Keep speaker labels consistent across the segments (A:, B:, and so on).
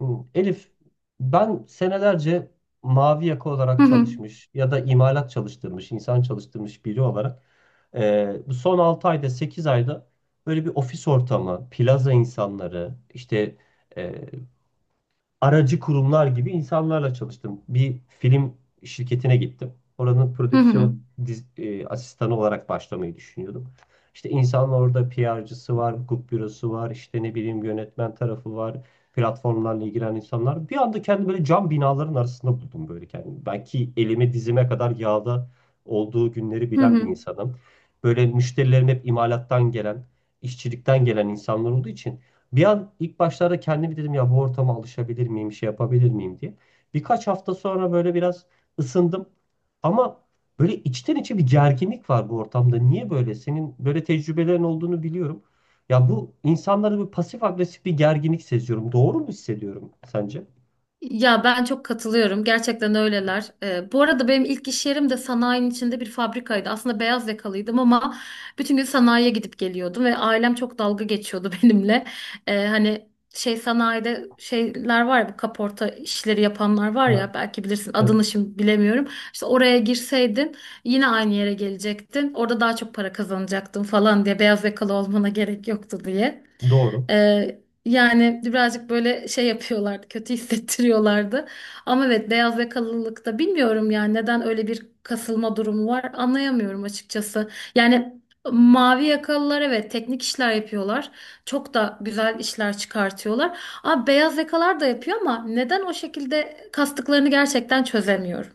A: Hmm, Elif, ben senelerce mavi yaka
B: Hı
A: olarak
B: hı.
A: çalışmış ya da imalat çalıştırmış, insan çalıştırmış biri olarak bu son 6 ayda, 8 ayda böyle bir ofis ortamı, plaza insanları, işte e, aracı kurumlar gibi insanlarla çalıştım. Bir film şirketine gittim. Oranın
B: Hı hı.
A: prodüksiyon asistanı olarak başlamayı düşünüyordum. İşte insanlar orada PR'cısı var, hukuk bürosu var, işte ne bileyim yönetmen tarafı var, platformlarla ilgilenen insanlar. Bir anda kendimi böyle cam binaların arasında buldum böyle kendimi. Belki elime dizime kadar yağda olduğu günleri
B: Hı
A: bilen bir
B: hı.
A: insanım. Böyle müşterilerim hep imalattan gelen, işçilikten gelen insanlar olduğu için bir an ilk başlarda kendimi dedim ya bu ortama alışabilir miyim, şey yapabilir miyim diye. Birkaç hafta sonra böyle biraz ısındım. Ama böyle içten içe bir gerginlik var bu ortamda. Niye böyle? Senin böyle tecrübelerin olduğunu biliyorum. Ya bu insanlarda bir pasif agresif bir gerginlik seziyorum. Doğru mu hissediyorum sence?
B: Ya ben çok katılıyorum. Gerçekten öyleler. Bu arada benim ilk iş yerim de sanayinin içinde bir fabrikaydı. Aslında beyaz yakalıydım ama bütün gün sanayiye gidip geliyordum ve ailem çok dalga geçiyordu benimle. Hani şey sanayide şeyler var ya, bu kaporta işleri yapanlar var
A: Ha,
B: ya, belki bilirsin
A: evet,
B: adını şimdi bilemiyorum. İşte oraya girseydin yine aynı yere gelecektin. Orada daha çok para kazanacaktın falan diye, beyaz yakalı olmana gerek yoktu diye.
A: doğru.
B: Yani birazcık böyle şey yapıyorlardı, kötü hissettiriyorlardı. Ama evet, beyaz yakalılıkta bilmiyorum yani neden öyle bir kasılma durumu var anlayamıyorum açıkçası. Yani mavi yakalılar evet teknik işler yapıyorlar. Çok da güzel işler çıkartıyorlar. Ama beyaz yakalar da yapıyor, ama neden o şekilde kastıklarını gerçekten çözemiyorum.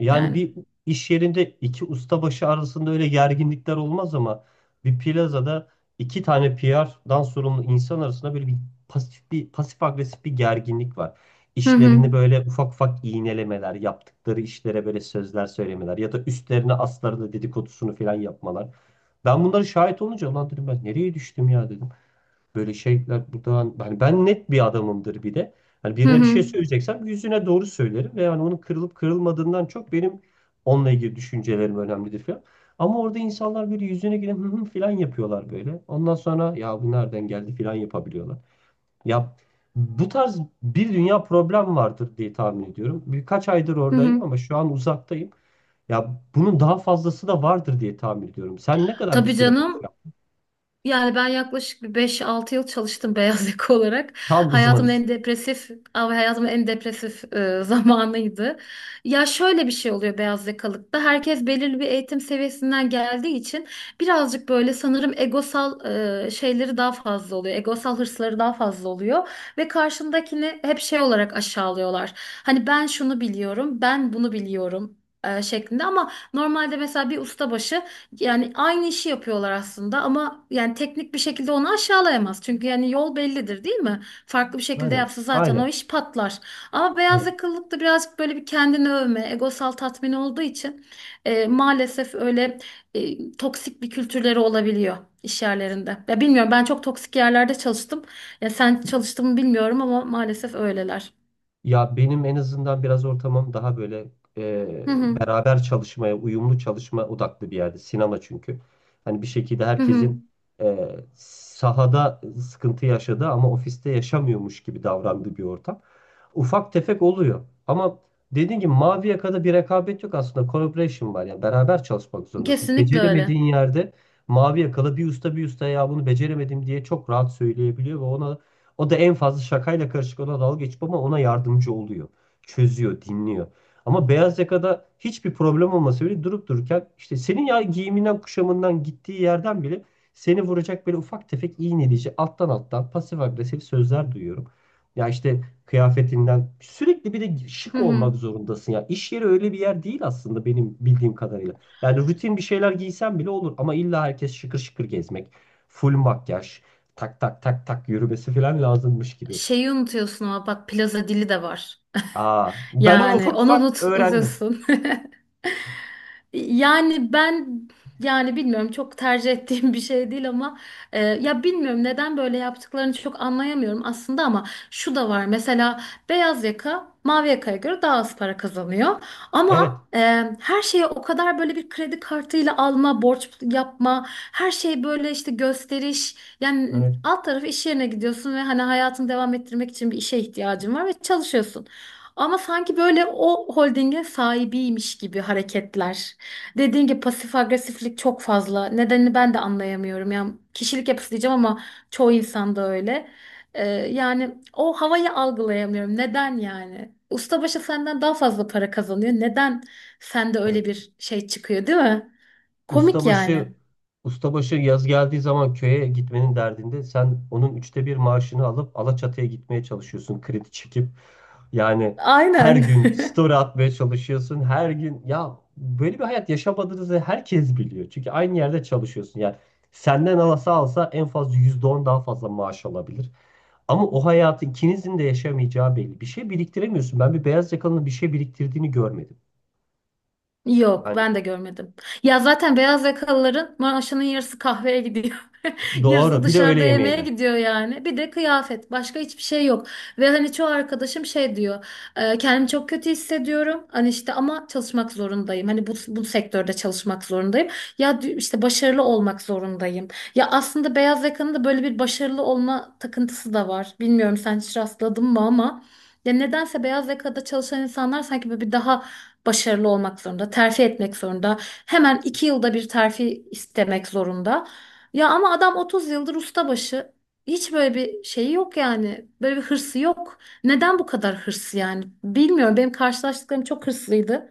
A: Yani
B: Yani.
A: bir iş yerinde iki ustabaşı arasında öyle gerginlikler olmaz ama bir plazada iki tane PR'dan sorumlu insan arasında böyle bir pasif agresif bir gerginlik var.
B: Hı hı.
A: İşlerini böyle ufak ufak iğnelemeler, yaptıkları işlere böyle sözler söylemeler ya da üstlerine aslarını dedikodusunu falan yapmalar. Ben bunları şahit olunca lan dedim ben nereye düştüm ya dedim. Böyle şeyler buradan hani ben net bir adamımdır bir de. Hani
B: Hı
A: birine bir
B: hı.
A: şey söyleyeceksem yüzüne doğru söylerim ve yani onun kırılıp kırılmadığından çok benim onunla ilgili düşüncelerim önemlidir falan. Ama orada insanlar böyle yüzüne gidip hı hı falan yapıyorlar böyle. Ondan sonra ya bu nereden geldi falan yapabiliyorlar. Ya bu tarz bir dünya problem vardır diye tahmin ediyorum. Birkaç aydır
B: Hı
A: oradaydım
B: hı.
A: ama şu an uzaktayım. Ya bunun daha fazlası da vardır diye tahmin ediyorum. Sen ne kadar bir
B: Tabii
A: süre?
B: canım. Yani ben yaklaşık bir 5-6 yıl çalıştım beyaz yaka olarak.
A: Tam
B: Hayatımın
A: uzmanız.
B: en depresif, abi hayatımın en depresif zamanıydı. Ya şöyle bir şey oluyor beyaz yakalıkta. Herkes belirli bir eğitim seviyesinden geldiği için birazcık böyle sanırım egosal şeyleri daha fazla oluyor. Egosal hırsları daha fazla oluyor ve karşındakini hep şey olarak aşağılıyorlar. Hani ben şunu biliyorum, ben bunu biliyorum. Şeklinde ama normalde mesela bir ustabaşı, yani aynı işi yapıyorlar aslında ama yani teknik bir şekilde onu aşağılayamaz. Çünkü yani yol bellidir değil mi? Farklı bir şekilde
A: Aynen.
B: yapsa zaten o
A: Aynen.
B: iş patlar. Ama beyaz
A: Evet.
B: yakalılık da birazcık böyle bir kendini övme, egosal tatmin olduğu için maalesef öyle toksik bir kültürleri olabiliyor iş yerlerinde. Ya bilmiyorum, ben çok toksik yerlerde çalıştım. Ya sen çalıştın mı bilmiyorum ama maalesef öyleler.
A: Ya benim en azından biraz ortamım daha böyle
B: Hı hı.
A: beraber çalışmaya, uyumlu çalışma odaklı bir yerde. Sinema çünkü. Hani bir şekilde
B: Hı hı.
A: herkesin e, sahada sıkıntı yaşadığı ama ofiste yaşamıyormuş gibi davrandığı bir ortam. Ufak tefek oluyor. Ama dediğim gibi mavi yakada bir rekabet yok aslında. Collaboration var. Yani beraber çalışmak zorundasın.
B: Kesinlikle öyle.
A: Beceremediğin yerde mavi yakalı bir usta ya bunu beceremedim diye çok rahat söyleyebiliyor ve ona o da en fazla şakayla karışık ona dalga geçip ama ona yardımcı oluyor. Çözüyor, dinliyor. Ama beyaz yakada hiçbir problem olmasa bile durup dururken işte senin ya giyiminden, kuşamından, gittiği yerden bile seni vuracak böyle ufak tefek iğneleyici alttan alttan pasif agresif sözler duyuyorum. Ya işte kıyafetinden sürekli bir de
B: Hı
A: şık olmak
B: hı.
A: zorundasın ya. İş yeri öyle bir yer değil aslında benim bildiğim kadarıyla. Yani rutin bir şeyler giysen bile olur ama illa herkes şıkır şıkır gezmek, full makyaj, tak tak tak tak yürümesi falan lazımmış gibi.
B: Şeyi unutuyorsun ama bak, plaza dili de var.
A: Aa, ben onu
B: Yani
A: ufak
B: onu
A: ufak
B: unut,
A: öğrendim.
B: unutuyorsun. Yani ben, yani bilmiyorum, çok tercih ettiğim bir şey değil ama ya bilmiyorum neden böyle yaptıklarını çok anlayamıyorum aslında ama şu da var mesela, beyaz yaka mavi yakaya göre daha az para kazanıyor
A: Evet,
B: ama her şeye o kadar böyle bir kredi kartıyla alma, borç yapma, her şey böyle işte gösteriş. Yani
A: evet,
B: alt tarafı iş yerine gidiyorsun ve hani hayatını devam ettirmek için bir işe ihtiyacın var ve çalışıyorsun. Ama sanki böyle o holdinge sahibiymiş gibi hareketler. Dediğim gibi pasif agresiflik çok fazla. Nedenini ben de anlayamıyorum. Yani kişilik yapısı diyeceğim ama çoğu insanda öyle. Yani o havayı algılayamıyorum. Neden yani? Ustabaşı senden daha fazla para kazanıyor. Neden sende
A: evet.
B: öyle bir şey çıkıyor, değil mi? Komik
A: Ustabaşı,
B: yani.
A: ustabaşı yaz geldiği zaman köye gitmenin derdinde sen onun 1/3 maaşını alıp Alaçatı'ya gitmeye çalışıyorsun kredi çekip. Yani her
B: Aynen.
A: gün story atmaya çalışıyorsun. Her gün ya böyle bir hayat yaşamadığınızı herkes biliyor. Çünkü aynı yerde çalışıyorsun. Yani senden alsa alsa en fazla %10 daha fazla maaş alabilir. Ama o hayatı ikinizin de yaşamayacağı belli. Bir şey biriktiremiyorsun. Ben bir beyaz yakalının bir şey biriktirdiğini görmedim.
B: Yok,
A: Yani
B: ben de görmedim. Ya zaten beyaz yakalıların maaşının yarısı kahveye gidiyor. Yarısı
A: doğru. Bir de öğle
B: dışarıda yemeğe
A: yemeğine.
B: gidiyor yani. Bir de kıyafet. Başka hiçbir şey yok. Ve hani çoğu arkadaşım şey diyor. "Kendimi çok kötü hissediyorum. Hani işte ama çalışmak zorundayım. Hani bu sektörde çalışmak zorundayım. Ya işte başarılı olmak zorundayım." Ya aslında beyaz yakanın da böyle bir başarılı olma takıntısı da var. Bilmiyorum sen hiç rastladın mı ama. Ya nedense beyaz yakada çalışan insanlar sanki böyle bir daha başarılı olmak zorunda, terfi etmek zorunda. Hemen 2 yılda bir terfi istemek zorunda. Ya ama adam 30 yıldır ustabaşı. Hiç böyle bir şeyi yok yani. Böyle bir hırsı yok. Neden bu kadar hırsı yani? Bilmiyorum. Benim karşılaştıklarım çok hırslıydı.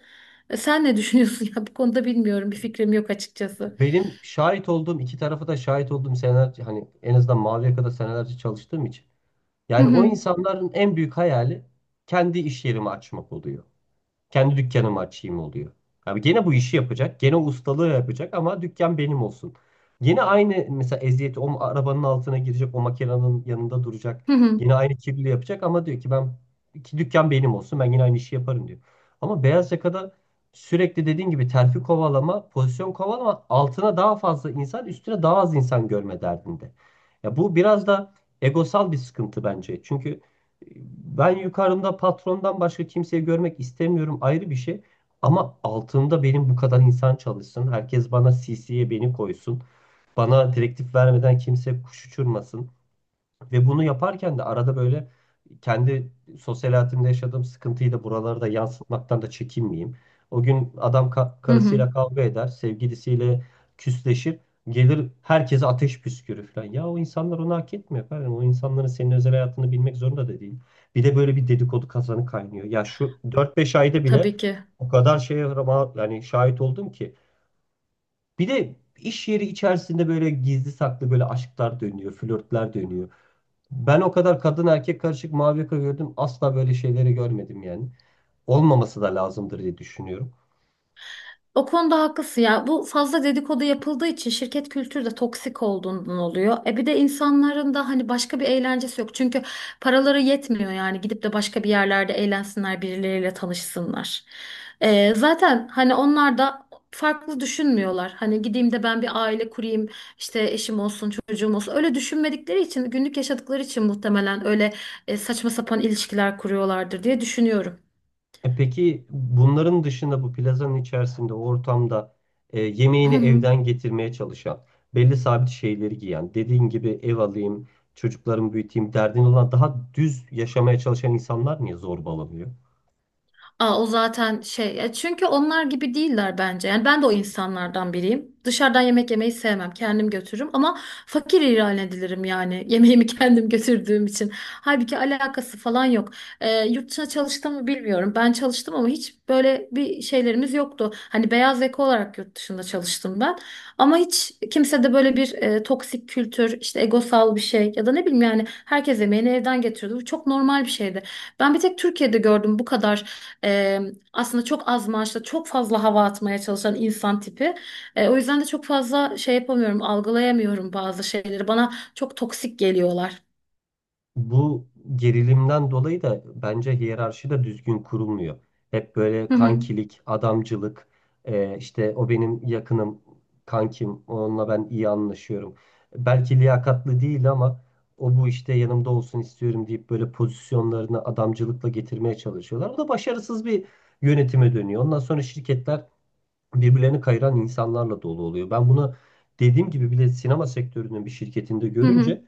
B: Sen ne düşünüyorsun ya bu konuda, bilmiyorum. Bir fikrim yok açıkçası.
A: Benim şahit olduğum iki tarafı da şahit olduğum seneler hani en azından mavi yakada senelerce çalıştığım için.
B: Hı
A: Yani o
B: hı.
A: insanların en büyük hayali kendi iş yerimi açmak oluyor. Kendi dükkanımı açayım oluyor. Abi gene bu işi yapacak. Gene ustalığı yapacak ama dükkan benim olsun. Gene aynı mesela eziyeti o arabanın altına girecek. O makinenin yanında duracak.
B: Hı hı.
A: Yine aynı kirliliği yapacak ama diyor ki ben ki dükkan benim olsun. Ben yine aynı işi yaparım diyor. Ama beyaz yakada sürekli dediğin gibi terfi kovalama, pozisyon kovalama altına daha fazla insan, üstüne daha az insan görme derdinde. Ya bu biraz da egosal bir sıkıntı bence. Çünkü ben yukarımda patrondan başka kimseyi görmek istemiyorum ayrı bir şey. Ama altımda benim bu kadar insan çalışsın. Herkes bana CC'ye beni koysun. Bana direktif vermeden kimse kuş uçurmasın. Ve bunu yaparken de arada böyle kendi sosyal hayatımda yaşadığım sıkıntıyı da buralara da yansıtmaktan da çekinmeyeyim. O gün adam
B: Hı hı.
A: karısıyla kavga eder, sevgilisiyle küsleşir, gelir herkese ateş püskürür falan. Ya o insanlar onu hak etmiyor efendim. O insanların senin özel hayatını bilmek zorunda da değil. Bir de böyle bir dedikodu kazanı kaynıyor. Ya şu 4-5 ayda bile
B: Tabii ki.
A: o kadar şeye yani şahit oldum ki. Bir de iş yeri içerisinde böyle gizli saklı böyle aşklar dönüyor, flörtler dönüyor. Ben o kadar kadın erkek karışık mavi yaka gördüm. Asla böyle şeyleri görmedim yani. Olmaması da lazımdır diye düşünüyorum.
B: O konuda haklısın ya. Bu, fazla dedikodu yapıldığı için, şirket kültürü de toksik olduğundan oluyor. E bir de insanların da hani başka bir eğlencesi yok. Çünkü paraları yetmiyor yani, gidip de başka bir yerlerde eğlensinler, birileriyle tanışsınlar. Zaten hani onlar da farklı düşünmüyorlar. Hani gideyim de ben bir aile kurayım, işte eşim olsun, çocuğum olsun. Öyle düşünmedikleri için, günlük yaşadıkları için muhtemelen öyle saçma sapan ilişkiler kuruyorlardır diye düşünüyorum.
A: E peki bunların dışında bu plazanın içerisinde o ortamda yemeğini evden getirmeye çalışan, belli sabit şeyleri giyen, dediğin gibi ev alayım, çocuklarımı büyüteyim derdin olan daha düz yaşamaya çalışan insanlar niye zorbalanıyor?
B: Aa, o zaten şey ya, çünkü onlar gibi değiller bence. Yani ben de o insanlardan biriyim. Dışarıdan yemek yemeyi sevmem. Kendim götürürüm ama fakir ilan edilirim yani, yemeğimi kendim götürdüğüm için. Halbuki alakası falan yok. Yurt dışına çalıştım mı bilmiyorum. Ben çalıştım ama hiç böyle bir şeylerimiz yoktu. Hani beyaz yaka olarak yurt dışında çalıştım ben. Ama hiç kimse de böyle bir toksik kültür, işte egosal bir şey ya da ne bileyim, yani herkes yemeğini evden getiriyordu. Bu çok normal bir şeydi. Ben bir tek Türkiye'de gördüm bu kadar ee, aslında çok az maaşla çok fazla hava atmaya çalışan insan tipi. O yüzden de çok fazla şey yapamıyorum, algılayamıyorum bazı şeyleri. Bana çok toksik geliyorlar.
A: Bu gerilimden dolayı da bence hiyerarşi de düzgün kurulmuyor. Hep böyle
B: Hı hı.
A: kankilik, adamcılık, işte o benim yakınım, kankim, onunla ben iyi anlaşıyorum. Belki liyakatlı değil ama o bu işte yanımda olsun istiyorum deyip böyle pozisyonlarını adamcılıkla getirmeye çalışıyorlar. O da başarısız bir yönetime dönüyor. Ondan sonra şirketler birbirlerini kayıran insanlarla dolu oluyor. Ben bunu dediğim gibi bile sinema sektörünün bir şirketinde
B: Hı hı.
A: görünce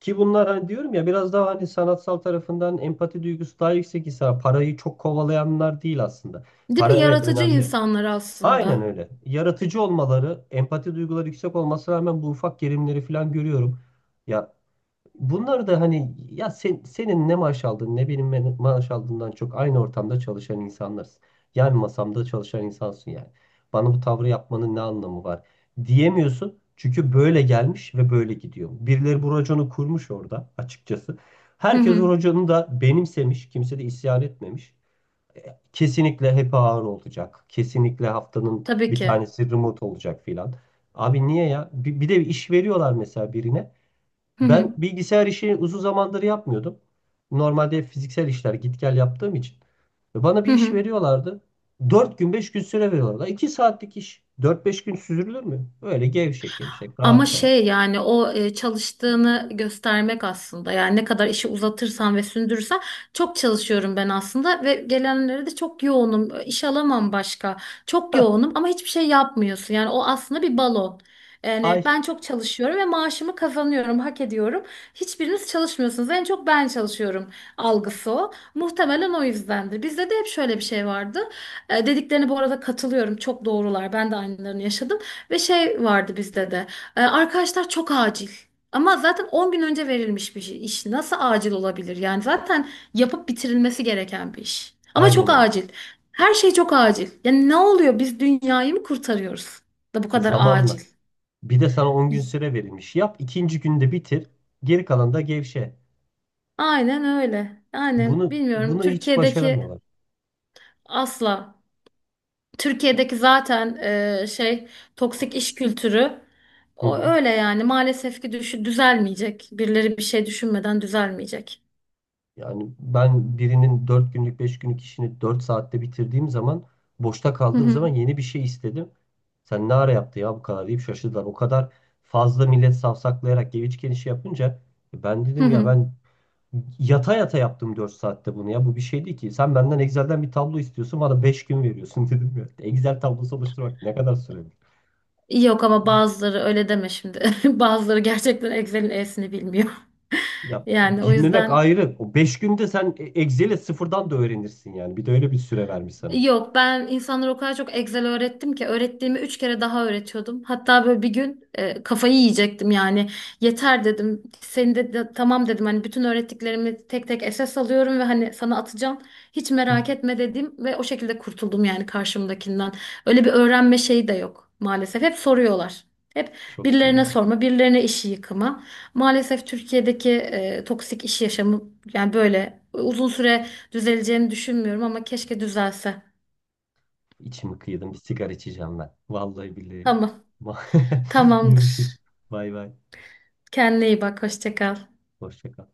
A: ki bunlar hani diyorum ya biraz daha hani sanatsal tarafından empati duygusu daha yüksek ise parayı çok kovalayanlar değil aslında.
B: Değil mi?
A: Para evet
B: Yaratıcı
A: önemli.
B: insanlar
A: Aynen
B: aslında.
A: öyle. Yaratıcı olmaları, empati duyguları yüksek olması rağmen bu ufak gerilimleri falan görüyorum. Ya bunları da hani ya sen, senin ne maaş aldığın ne benim maaş aldığımdan çok aynı ortamda çalışan insanlarız. Yan masamda çalışan insansın yani. Bana bu tavrı yapmanın ne anlamı var diyemiyorsun. Çünkü böyle gelmiş ve böyle gidiyor. Birileri bu raconu kurmuş orada açıkçası.
B: Hı
A: Herkes o
B: hı.
A: raconu da benimsemiş. Kimse de isyan etmemiş. Kesinlikle hep ağır olacak. Kesinlikle haftanın
B: Tabii
A: bir
B: ki.
A: tanesi remote olacak filan. Abi niye ya? Bir de iş veriyorlar mesela birine.
B: Hı
A: Ben
B: hı.
A: bilgisayar işini uzun zamandır yapmıyordum. Normalde fiziksel işler git gel yaptığım için. Ve bana
B: Hı
A: bir iş
B: hı.
A: veriyorlardı. 4 gün 5 gün süre veriyorlardı. 2 saatlik iş. 4-5 gün süzülür mü? Öyle gevşek gevşek
B: Ama
A: rahat rahat.
B: şey, yani o çalıştığını göstermek aslında, yani ne kadar işi uzatırsan ve sündürürsen, çok çalışıyorum ben aslında ve gelenlere de çok yoğunum iş alamam başka, çok yoğunum ama hiçbir şey yapmıyorsun yani, o aslında bir balon. Yani
A: Ay
B: ben çok çalışıyorum ve maaşımı kazanıyorum, hak ediyorum. Hiçbiriniz çalışmıyorsunuz. En çok ben çalışıyorum algısı o. Muhtemelen o yüzdendir. Bizde de hep şöyle bir şey vardı. Dediklerine bu arada katılıyorum. Çok doğrular. Ben de aynılarını yaşadım. Ve şey vardı bizde de. Arkadaşlar çok acil. Ama zaten 10 gün önce verilmiş bir iş. Nasıl acil olabilir? Yani zaten yapıp bitirilmesi gereken bir iş. Ama çok
A: aynen öyle.
B: acil. Her şey çok acil. Yani ne oluyor? Biz dünyayı mı kurtarıyoruz? Da bu kadar
A: Zamanla.
B: acil.
A: Bir de sana 10 gün süre verilmiş. Yap 2. günde bitir. Geri kalan da gevşe.
B: Aynen öyle. Yani
A: Bunu
B: bilmiyorum.
A: bunu hiç
B: Türkiye'deki
A: başaramıyorlar.
B: asla. Türkiye'deki zaten e, şey toksik iş kültürü
A: Hı
B: o
A: hı.
B: öyle yani, maalesef ki düzelmeyecek. Birileri bir şey düşünmeden düzelmeyecek.
A: Yani ben birinin 4 günlük 5 günlük işini 4 saatte bitirdiğim zaman boşta
B: Hı
A: kaldığım zaman
B: hı.
A: yeni bir şey istedim. Sen ne ara yaptı ya bu kadar deyip şaşırdılar. O kadar fazla millet safsaklayarak geviçken işi yapınca ben
B: Hı
A: dedim ya
B: hı.
A: ben yata yata yaptım 4 saatte bunu ya bu bir şey değil ki. Sen benden Excel'den bir tablo istiyorsun bana 5 gün veriyorsun dedim ya. Excel tablosu oluşturmak ne kadar sürer?
B: Yok ama bazıları öyle deme şimdi. Bazıları gerçekten Excel'in E'sini bilmiyor.
A: Ya
B: Yani o
A: bilmemek
B: yüzden.
A: ayrı. O 5 günde sen Excel'i sıfırdan da öğrenirsin yani. Bir de öyle bir süre vermiş sana.
B: Yok, ben insanlara o kadar çok Excel öğrettim ki, öğrettiğimi 3 kere daha öğretiyordum. Hatta böyle bir gün kafayı yiyecektim yani, yeter dedim. Tamam dedim, hani bütün öğrettiklerimi tek tek esas alıyorum ve hani sana atacağım. Hiç
A: Hı,
B: merak etme dedim ve o şekilde kurtuldum yani karşımdakinden. Öyle bir öğrenme şeyi de yok maalesef. Hep soruyorlar. Hep
A: çok iyi
B: birilerine
A: ya.
B: sorma, birilerine işi yıkama. Maalesef Türkiye'deki toksik iş yaşamı yani böyle uzun süre düzeleceğini düşünmüyorum ama keşke düzelse.
A: İçimi kıydım. Bir sigara içeceğim ben. Vallahi billahi.
B: Tamam.
A: Görüşürüz.
B: Tamamdır.
A: Bay bay.
B: Kendine iyi bak. Hoşça kal.
A: Hoşça kal.